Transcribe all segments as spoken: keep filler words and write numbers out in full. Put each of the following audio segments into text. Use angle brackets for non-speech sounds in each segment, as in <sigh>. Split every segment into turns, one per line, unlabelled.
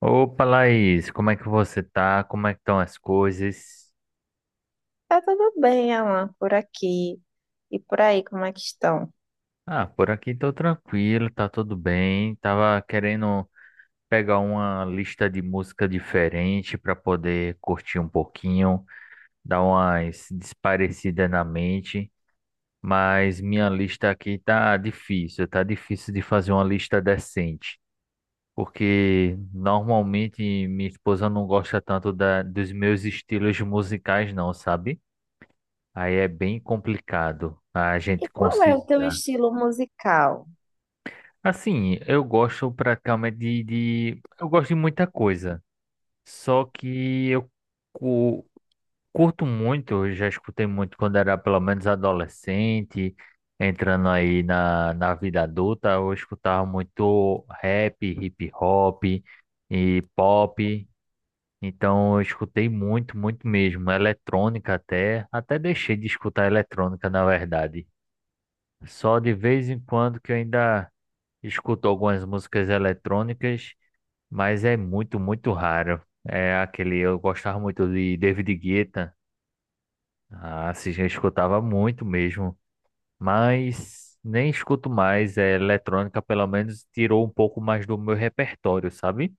Opa, Laís, como é que você tá? Como é que estão as coisas?
Tá tudo bem, Alan, por aqui e por aí, como é que estão?
Ah, por aqui tô tranquilo, tá tudo bem. Tava querendo pegar uma lista de música diferente para poder curtir um pouquinho, dar umas desparecidas na mente, mas minha lista aqui tá difícil, tá difícil de fazer uma lista decente, porque normalmente minha esposa não gosta tanto da, dos meus estilos musicais, não, sabe? Aí é bem complicado a
E
gente
qual é o teu
conciliar.
estilo musical?
Assim, eu gosto praticamente de, de- Eu gosto de muita coisa. Só que eu cu- curto muito, eu já escutei muito quando era pelo menos adolescente, entrando aí na, na vida adulta, eu escutava muito rap, hip hop e pop. Então eu escutei muito, muito mesmo. Eletrônica até. Até deixei de escutar eletrônica, na verdade. Só de vez em quando que eu ainda escuto algumas músicas eletrônicas, mas é muito, muito raro. É aquele, eu gostava muito de David Guetta, ah, assim, eu escutava muito mesmo, mas nem escuto mais. É, eletrônica, pelo menos, tirou um pouco mais do meu repertório, sabe?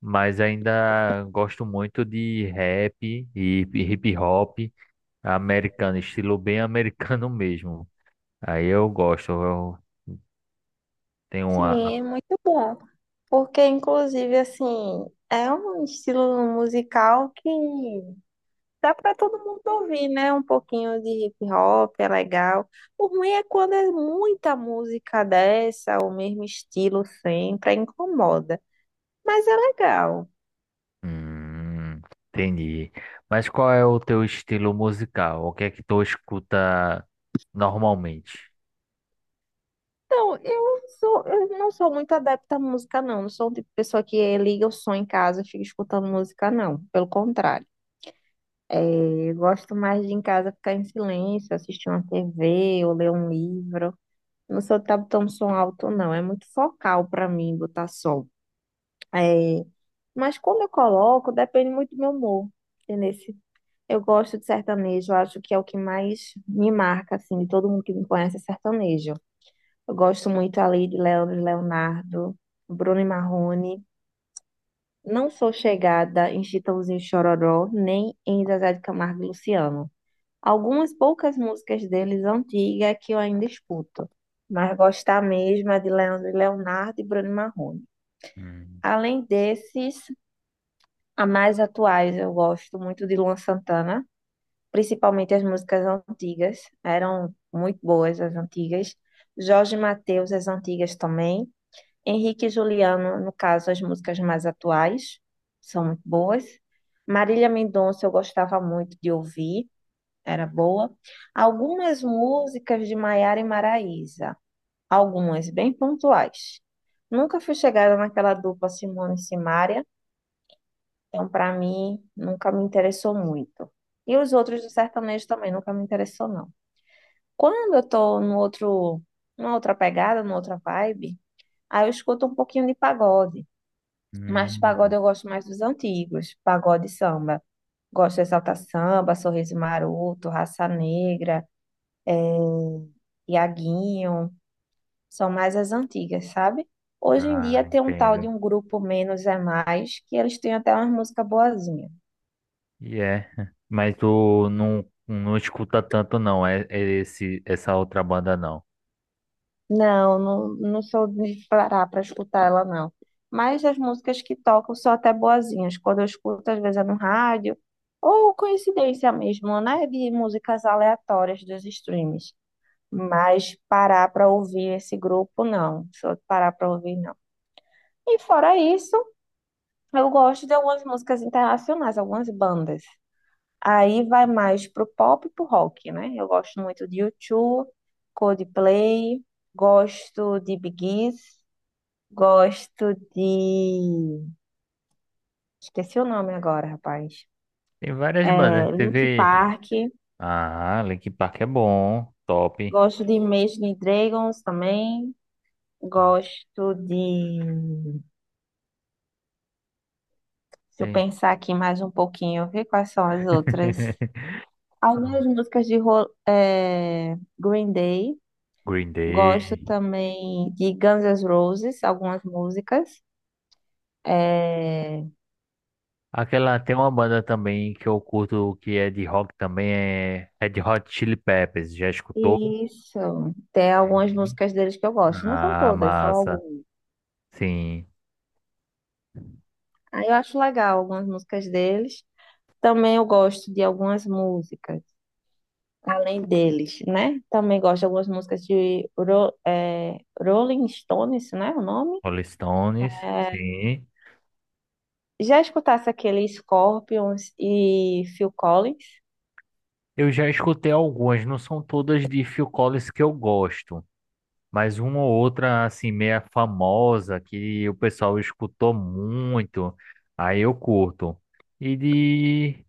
Mas ainda gosto muito de rap e hip hop americano, estilo bem <laughs> americano mesmo. Aí eu gosto, eu tenho uma.
Sim, é muito bom. Porque, inclusive, assim, é um estilo musical que dá para todo mundo ouvir, né? Um pouquinho de hip hop é legal. O ruim é quando é muita música dessa, o mesmo estilo sempre, aí incomoda. Mas é legal.
Hum, entendi. Mas qual é o teu estilo musical? O que é que tu escuta normalmente?
Então, eu sou, eu não sou muito adepta à música, não. Não sou o tipo de pessoa que liga o som em casa e fica escutando música, não. Pelo contrário. Eu gosto mais de em casa ficar em silêncio, assistir uma T V ou ler um livro. Não sou de estar tão som alto, não. É muito focal para mim botar som. É, Mas quando eu coloco, depende muito do meu humor. Entendeu? Eu gosto de sertanejo, eu acho que é o que mais me marca, assim, de todo mundo que me conhece é sertanejo. Eu gosto muito ali de Leandro e Leonardo, Bruno e Marrone. Não sou chegada em Chitãozinho e Chororó, nem em Zezé de Camargo e Luciano. Algumas poucas músicas deles antigas é que eu ainda escuto, mas gostar mesmo é de Leandro e Leonardo e Bruno e Marrone.
Hum.
Além desses, a mais atuais eu gosto muito de Luan Santana, principalmente as músicas antigas, eram muito boas as antigas. Jorge Mateus, as antigas também. Henrique e Juliano, no caso, as músicas mais atuais, são muito boas. Marília Mendonça, eu gostava muito de ouvir, era boa. Algumas músicas de Maiara e Maraísa, algumas bem pontuais. Nunca fui chegada naquela dupla Simone e Simaria, então, para mim, nunca me interessou muito. E os outros do sertanejo também nunca me interessou, não. Quando eu tô no outro, numa outra pegada, numa outra vibe, aí eu escuto um pouquinho de pagode. Mas de pagode
Hum.
eu gosto mais dos antigos, pagode e samba. Gosto de Exalta Samba, Sorriso Maroto, Raça Negra, Iaguinho. São mais as antigas, sabe? Hoje em dia
Ah,
tem um tal de
entendo.
um grupo Menos é Mais, que eles têm até umas músicas boazinhas.
E é, <laughs> mas tu não, não escuta tanto não, é, é esse, essa outra banda não.
Não, não, não sou de parar para escutar ela, não. Mas as músicas que tocam são até boazinhas. Quando eu escuto, às vezes é no rádio, ou coincidência mesmo, né? De músicas aleatórias dos streams. Mas parar para ouvir esse grupo, não. Só parar para ouvir, não. E fora isso, eu gosto de algumas músicas internacionais, algumas bandas. Aí vai mais pro pop e pro rock, né? Eu gosto muito de U dois, Coldplay, gosto de Bee Gees, gosto de... Esqueci o nome agora, rapaz.
Tem várias
É,
bandas,
Linkin
teve.
Park,
Ah, Linkin Park é bom, top.
gosto de Imagine Dragons também, gosto de... Deixa eu
Tem
pensar aqui mais um pouquinho, ver quais são as outras.
<laughs>
Algumas músicas de Ro- eh, Green Day.
Green Day.
Gosto também de Guns N' Roses, algumas músicas. É,
Aquela tem uma banda também que eu curto que é de rock também, é Red Hot Chili Peppers. Já escutou?
isso. Tem algumas
Sim.
músicas deles que eu gosto. Não são
Ah,
todas, são
massa.
algumas.
Sim.
Aí eu acho legal algumas músicas deles. Também eu gosto de algumas músicas, além deles, né? Também gosto de algumas músicas de Ro- é Rolling Stones, né? O nome?
Rolling Stones.
É,
Sim.
Já escutasse aquele Scorpions e Phil Collins?
Eu já escutei algumas, não são todas de Phil Collins que eu gosto, mas uma ou outra assim meia famosa que o pessoal escutou muito. Aí eu curto. E de.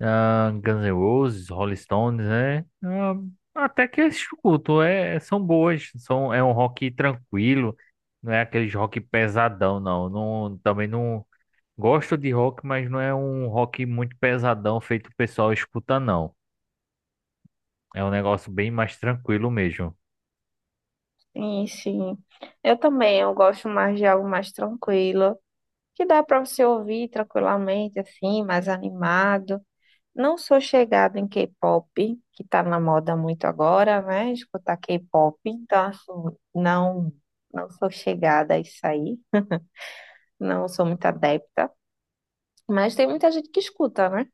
Ah, Guns N' Roses, Rolling Stones, né? Ah, até que eu escuto, é, são boas, são, é um rock tranquilo, não é aquele rock pesadão, não. Não, também não gosto de rock, mas não é um rock muito pesadão feito o pessoal escuta, não. É um negócio bem mais tranquilo mesmo.
Sim, sim. Eu também, eu gosto mais de algo mais tranquilo, que dá para você ouvir tranquilamente, assim, mais animado. Não sou chegada em K-pop, que tá na moda muito agora, né? Escutar K-pop, então, assim, não, não sou chegada a isso aí. Não sou muito adepta. Mas tem muita gente que escuta, né?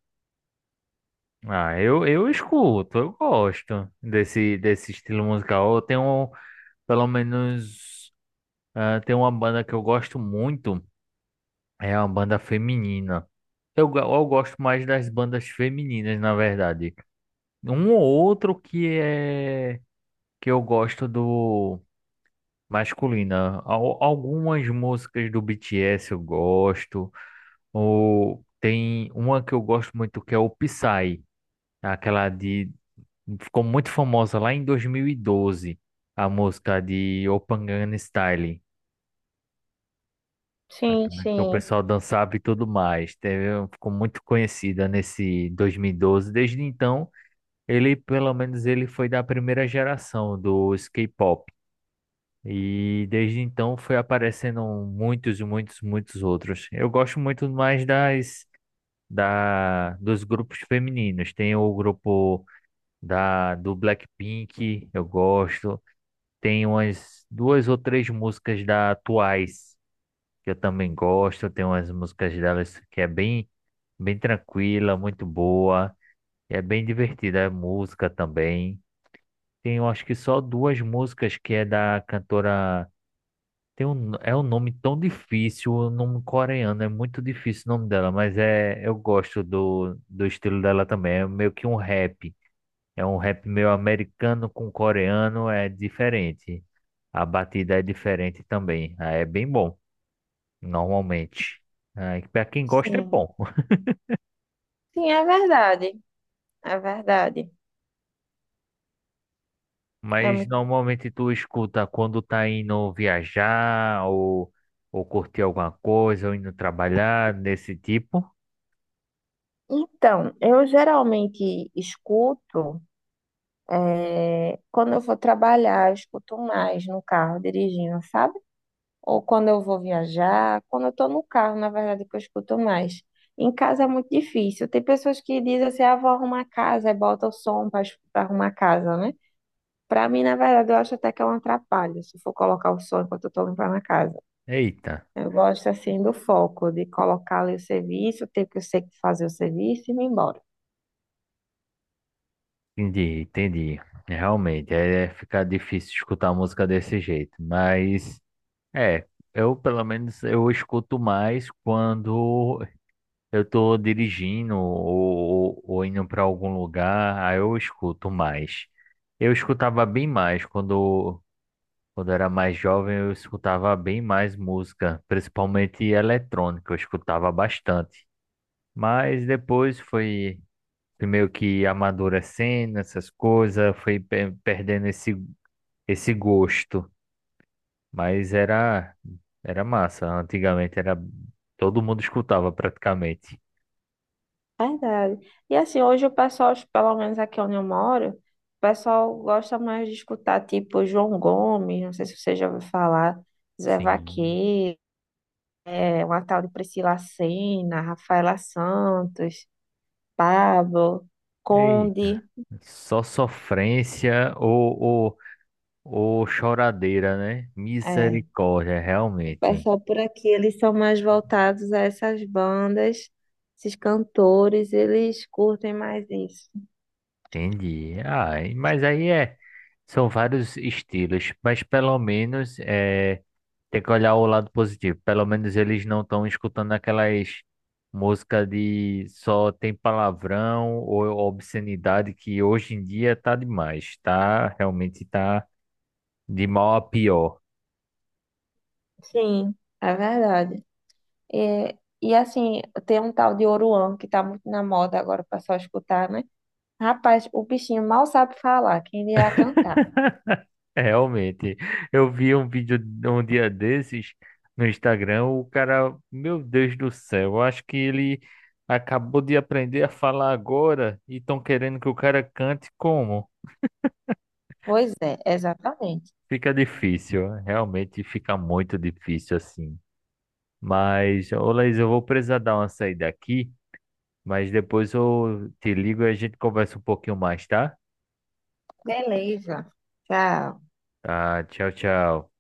Ah, eu, eu escuto, eu gosto desse, desse estilo musical. Eu tenho, pelo menos, ah, tem uma banda que eu gosto muito. É uma banda feminina. Eu, go- eu gosto mais das bandas femininas, na verdade. Um ou outro que é que eu gosto do masculina. Al- algumas músicas do B T S eu gosto. Ou tem uma que eu gosto muito que é o Psy, aquela de ficou muito famosa lá em dois mil e doze, a música de Open Gangnam Style.
Sim,
Aquilo que o
sim,
pessoal dançava e tudo mais. Teve, ficou muito conhecida nesse dois mil e doze. Desde então, ele, pelo menos, ele foi da primeira geração dos K-pop. E desde então foi aparecendo muitos, muitos, muitos outros. Eu gosto muito mais das da dos grupos femininos. Tem o grupo da do Blackpink, eu gosto. Tem umas duas ou três músicas da Twice que eu também gosto. Tem umas músicas delas que é bem, bem tranquila, muito boa. É bem divertida a música também. Tem, eu acho que só duas músicas que é da cantora. Tem um, é um nome tão difícil, o nome coreano, é muito difícil o nome dela, mas é, eu gosto do, do estilo dela também. É meio que um rap. É um rap meio americano com coreano, é diferente. A batida é diferente também. Ah, é bem bom normalmente. Ah, para quem gosta é
sim.
bom, <laughs>
Sim, é verdade. É verdade. É
mas
muito
normalmente tu escuta quando tá indo viajar ou, ou, curtir alguma coisa ou indo trabalhar desse tipo.
Então, eu geralmente escuto, eh, quando eu vou trabalhar, eu escuto mais no carro dirigindo, sabe? Ou quando eu vou viajar, quando eu tô no carro, na verdade, que eu escuto mais. Em casa é muito difícil. Tem pessoas que dizem assim, ah, vou arrumar a casa, e bota o som para arrumar a casa, né? Pra mim, na verdade, eu acho até que é um atrapalho se for colocar o som enquanto eu tô limpando a casa.
Eita,
Eu gosto, assim, do foco, de colocar ali o serviço, o tempo que eu sei que fazer o serviço e ir embora.
entendi, entendi. Realmente, é é ficar difícil escutar música desse jeito, mas é, eu pelo menos eu escuto mais quando eu tô dirigindo ou, ou- ou indo para algum lugar, aí eu escuto mais. Eu escutava bem mais quando, quando era mais jovem, eu escutava bem mais música, principalmente eletrônica, eu escutava bastante. Mas depois foi, fui meio que amadurecendo essas coisas, foi pe- perdendo esse, esse gosto. Mas era, era massa, antigamente era todo mundo escutava praticamente.
Verdade. E assim, hoje o pessoal, pelo menos aqui onde eu moro, o pessoal gosta mais de escutar tipo João Gomes, não sei se você já ouviu falar, Zé
Sim.
Vaqueiro, é uma tal de Priscila Sena, Rafaela Santos, Pablo,
Eita,
Conde.
só sofrência ou, ou, ou choradeira, né?
É,
Misericórdia,
o
realmente.
pessoal por aqui, eles são mais voltados a essas bandas, esses cantores, eles curtem mais isso.
Entendi. Ah, e- mas aí é, são vários estilos, mas pelo menos é, tem que olhar o lado positivo. Pelo menos eles não estão escutando aquelas músicas de só tem palavrão ou obscenidade que hoje em dia tá demais, tá? Realmente tá de mal a pior.
Sim, é verdade. É, e assim, tem um tal de Oruan que tá muito na moda agora, o pessoal escutar, né? Rapaz, o bichinho mal sabe falar, quem irá cantar?
<laughs> É, realmente, eu vi um vídeo um dia desses no Instagram, o cara, meu Deus do céu, eu acho que ele acabou de aprender a falar agora e estão querendo que o cara cante como?
Pois é, exatamente.
Fica difícil, realmente fica muito difícil assim. Mas, ô Laís, eu vou precisar dar uma saída aqui, mas depois eu te ligo e a gente conversa um pouquinho mais, tá?
Beleza. Tchau.
Tá, tchau, tchau.